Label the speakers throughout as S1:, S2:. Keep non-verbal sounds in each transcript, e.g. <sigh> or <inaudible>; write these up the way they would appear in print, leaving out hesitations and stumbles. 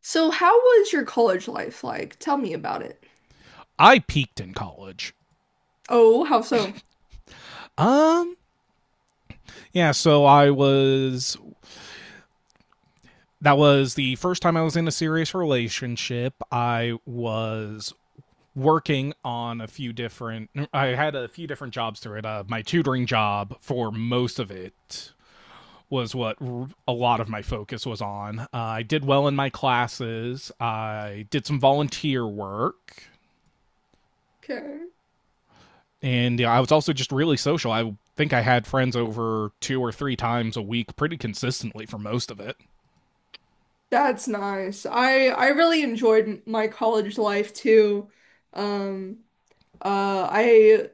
S1: So, how was your college life like? Tell me about it.
S2: I peaked in college.
S1: Oh, how so?
S2: Um, yeah, so I was That was the first time I was in a serious relationship. I had a few different jobs through it. My tutoring job for most of it was what a lot of my focus was on. I did well in my classes. I did some volunteer work.
S1: Okay.
S2: And yeah, I was also just really social. I think I had friends over two or three times a week pretty consistently for most of it.
S1: That's nice. I really enjoyed my college life too. Um, I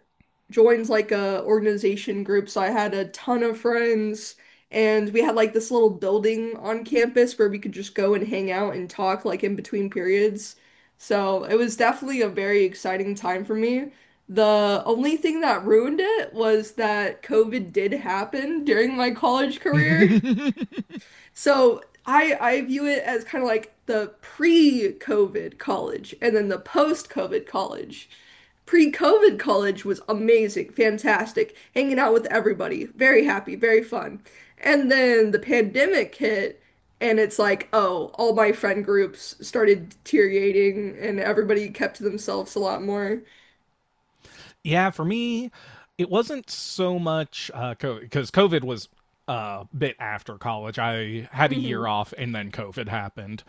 S1: joined like a organization group, so I had a ton of friends, and we had like this little building on campus where we could just go and hang out and talk like in between periods. So it was definitely a very exciting time for me. The only thing that ruined it was that COVID did happen during my college career. <laughs>
S2: <laughs>
S1: So I view it as kind of like the pre-COVID college and then the post-COVID college. Pre-COVID college was amazing, fantastic, hanging out with everybody, very happy, very fun. And then the pandemic hit and it's like, oh, all my friend groups started deteriorating and everybody kept to themselves a lot more.
S2: Yeah, for me, it wasn't so much COVID, because COVID was a bit after college. I had a year
S1: Mhm.
S2: off and then COVID happened.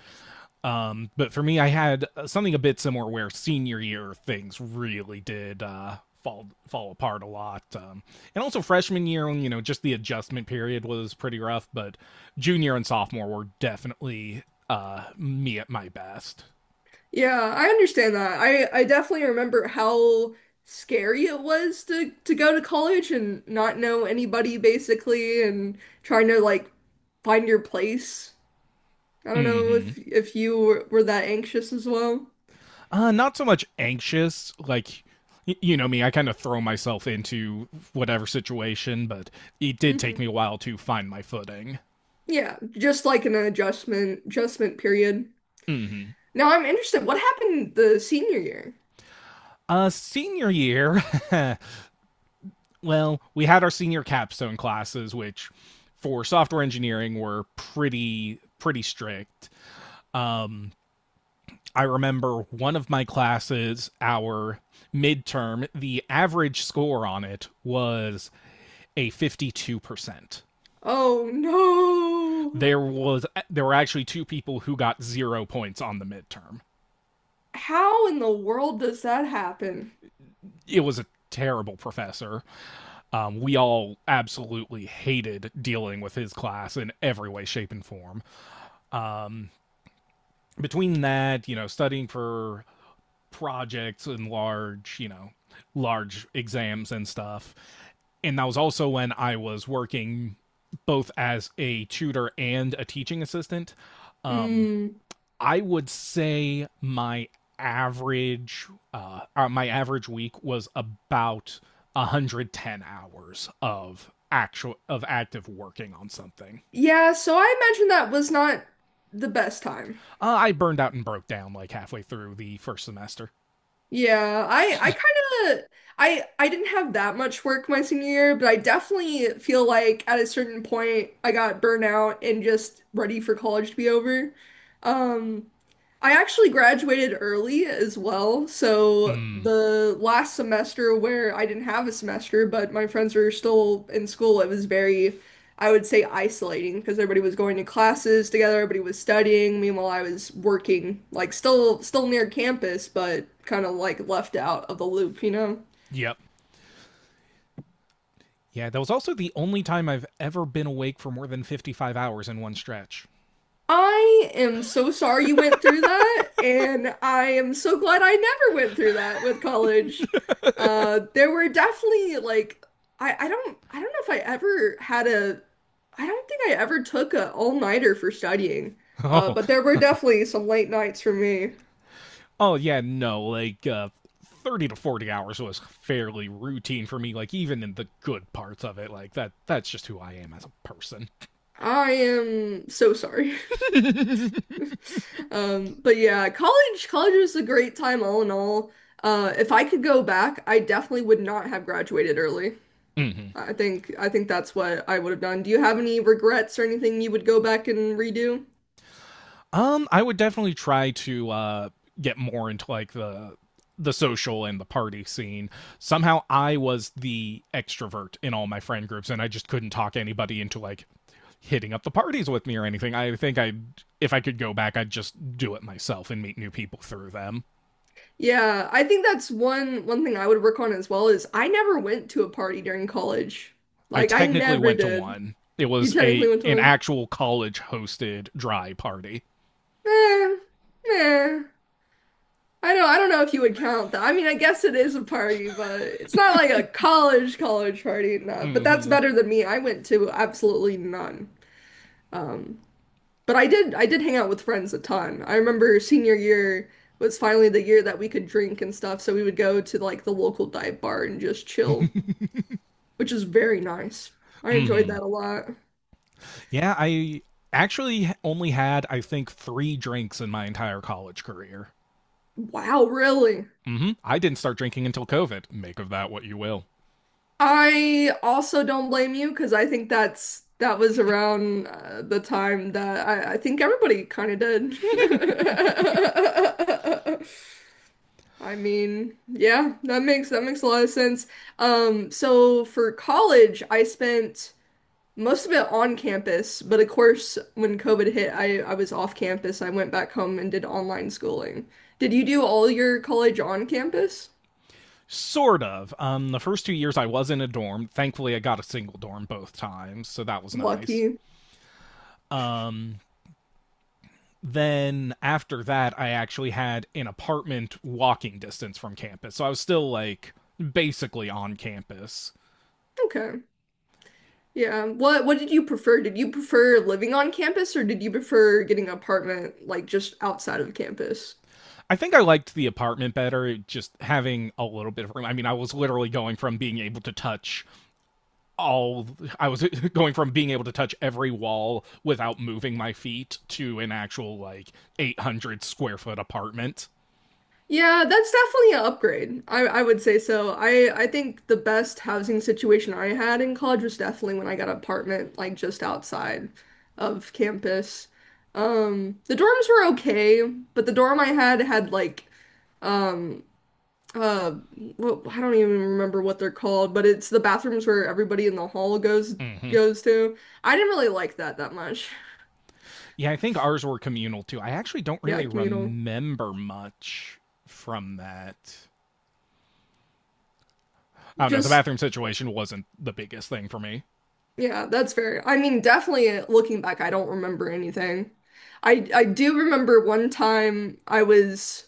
S2: But for me, I had something a bit similar where senior year things really did fall apart a lot, and also freshman year, you know, just the adjustment period was pretty rough. But junior and sophomore were definitely me at my best.
S1: Yeah, I understand that. I definitely remember how scary it was to go to college and not know anybody basically and trying to like find your place. I don't know if
S2: hmm
S1: if you were that anxious as well.
S2: Not so much anxious, like you know me, I kind of throw myself into whatever situation, but it did take
S1: Hmm.
S2: me a while to find my footing.
S1: Yeah, just like an adjustment period.
S2: hmm
S1: Now I'm interested, what happened the senior year?
S2: Senior year, <laughs> well, we had our senior capstone classes, which for software engineering were pretty strict. Um, I remember one of my classes, our midterm, the average score on it was a 52%.
S1: Oh no.
S2: There were actually two people who got 0 points on the midterm.
S1: How in the world does that happen?
S2: It was a terrible professor. We all absolutely hated dealing with his class in every way shape and form. Between that, you know, studying for projects and large, you know, large exams and stuff. And that was also when I was working both as a tutor and a teaching assistant. Um,
S1: Mm.
S2: I would say average my average week was about 110 hours of active working on something.
S1: Yeah, so I imagine that was not the best time.
S2: I burned out and broke down like halfway through the first semester.
S1: Yeah, I kind of I didn't have that much work my senior year, but I definitely feel like at a certain point I got burnt out and just ready for college to be over. Um, I actually graduated early as well, so
S2: Mm,
S1: the last semester where I didn't have a semester, but my friends were still in school, it was very, I would say, isolating because everybody was going to classes together, everybody was studying. Meanwhile, I was working, like still near campus, but kind of like left out of the loop, you know?
S2: yep. Yeah, that was also the only time I've ever been awake for more than 55 hours in one stretch. <laughs>
S1: I am so sorry you went through that, and I am so glad I never went through that with college. There were definitely like I don't know if I ever had a I don't think I ever took a all-nighter for studying.
S2: Oh,
S1: But there were definitely some late nights for me.
S2: oh yeah, no, like 30 to 40 hours was fairly routine for me, like even in the good parts of it. Like that's just who I am as a person.
S1: I am so sorry. <laughs>
S2: <laughs>
S1: But yeah, college was a great time all in all. If I could go back, I definitely would not have graduated early.
S2: Mhm.
S1: I think that's what I would have done. Do you have any regrets or anything you would go back and redo?
S2: I would definitely try to get more into like the social and the party scene. Somehow I was the extrovert in all my friend groups and I just couldn't talk anybody into like hitting up the parties with me or anything. If I could go back, I'd just do it myself and meet new people through them.
S1: Yeah, I think that's one thing I would work on as well is I never went to a party during college.
S2: I
S1: Like I
S2: technically
S1: never
S2: went to
S1: did.
S2: one. It
S1: You
S2: was
S1: technically
S2: a
S1: went to
S2: an
S1: one?
S2: actual college hosted dry party.
S1: Eh, eh. I know I don't know if you would count that. I mean, I guess it is a party, but it's not like a college party, no. But that's
S2: Mm-hmm.
S1: better than me. I went to absolutely none. Um, but I did hang out with friends a ton. I remember senior year was finally the year that we could drink and stuff, so we would go to like the local dive bar and just chill, which is very nice. I enjoyed
S2: Mm-hmm.
S1: that a lot.
S2: Yeah, I actually only had, I think, 3 drinks in my entire college career.
S1: Wow, really?
S2: Mm-hmm. I didn't start drinking until COVID. Make of that what you will.
S1: I also don't blame you because I think that's that was around the time that I think everybody kind of did. <laughs> I mean, yeah, that makes a lot of sense. So for college, I spent most of it on campus, but of course, when COVID hit, I was off campus. I went back home and did online schooling. Did you do all your college on campus?
S2: Sort of. The first 2 years I was in a dorm. Thankfully, I got a single dorm both times, so that was nice.
S1: Lucky.
S2: Um, then after that, I actually had an apartment walking distance from campus. So I was still like basically on campus.
S1: Okay. Yeah. What did you prefer? Did you prefer living on campus or did you prefer getting an apartment like just outside of campus?
S2: I think I liked the apartment better, just having a little bit of room. I mean, I was literally going from being able to touch all, I was <laughs> going from being able to touch every wall without moving my feet to an actual like 800 square foot apartment.
S1: Yeah, that's definitely an upgrade. I would say so. I think the best housing situation I had in college was definitely when I got an apartment like just outside of campus. The dorms were okay, but the dorm I had had like um uh well I don't even remember what they're called, but it's the bathrooms where everybody in the hall goes
S2: Mm-hmm.
S1: goes to. I didn't really like that much.
S2: Yeah, I think ours were communal too. I actually don't
S1: Yeah,
S2: really
S1: communal.
S2: remember much from that. I don't know. The
S1: Just
S2: bathroom situation wasn't the biggest thing for me. <laughs>
S1: yeah, that's fair. I mean, definitely looking back, I don't remember anything. I do remember one time I was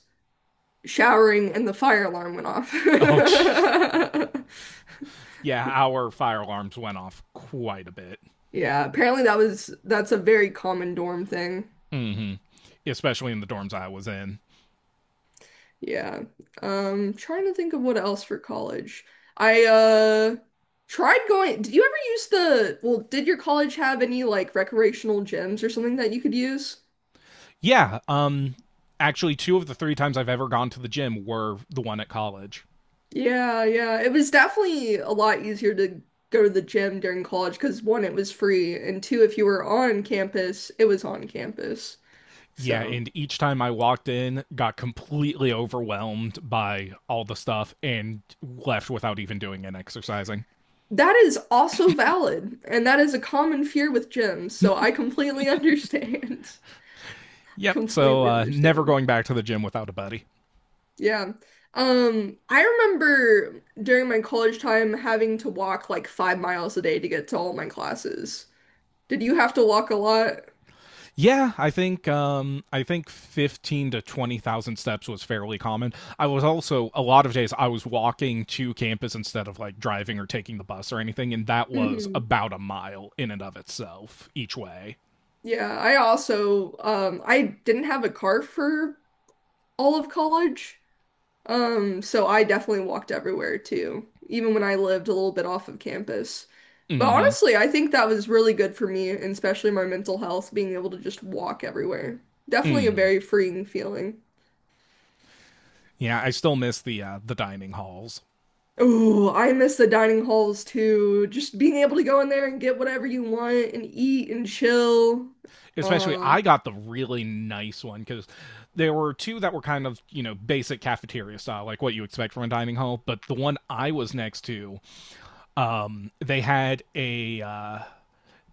S1: showering and the fire alarm went off.
S2: Oh, jeez.
S1: <laughs>
S2: Yeah, our fire alarms went off quite a bit.
S1: Yeah, apparently that was that's a very common dorm thing.
S2: hmm Especially in the dorms I was in.
S1: Yeah. Trying to think of what else for college. I tried going. Did you ever use the, well, did your college have any like recreational gyms or something that you could use?
S2: Yeah. Actually, two of the three times I've ever gone to the gym were the one at college.
S1: Yeah, yeah. It was definitely a lot easier to go to the gym during college because one, it was free, and two, if you were on campus, it was on campus.
S2: Yeah,
S1: So
S2: and each time I walked in, got completely overwhelmed by all the stuff and left without even doing an exercising.
S1: that is also valid, and that is a common fear with gyms, so I completely <laughs> understand. I
S2: Yep. So
S1: completely
S2: never
S1: understand.
S2: going back to the gym without a buddy.
S1: Yeah. I remember during my college time having to walk like 5 miles a day to get to all my classes. Did you have to walk a lot?
S2: Yeah, I think fifteen to twenty thousand steps was fairly common. I was also A lot of days I was walking to campus instead of like driving or taking the bus or anything, and that was
S1: Hmm.
S2: about a mile in and of itself each way.
S1: Yeah, I also I didn't have a car for all of college. So I definitely walked everywhere too, even when I lived a little bit off of campus. But
S2: Mm-hmm.
S1: honestly, I think that was really good for me, and especially my mental health, being able to just walk everywhere. Definitely a
S2: Mm.
S1: very freeing feeling.
S2: Yeah, I still miss the dining halls.
S1: Ooh, I miss the dining halls too. Just being able to go in there and get whatever you want and eat and chill.
S2: Especially,
S1: Uh,
S2: I got the really nice one because there were two that were kind of you know basic cafeteria style, like what you expect from a dining hall. But the one I was next to, um, they had a uh,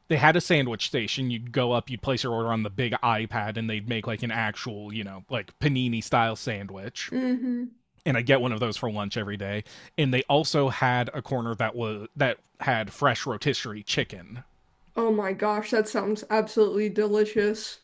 S2: they had a sandwich station. You'd go up, you'd place your order on the big iPad, and they'd make like an actual, you know, like panini style sandwich.
S1: hmm
S2: And I get one of those for lunch every day. And they also had a corner that had fresh rotisserie chicken
S1: Oh my gosh, that sounds absolutely delicious.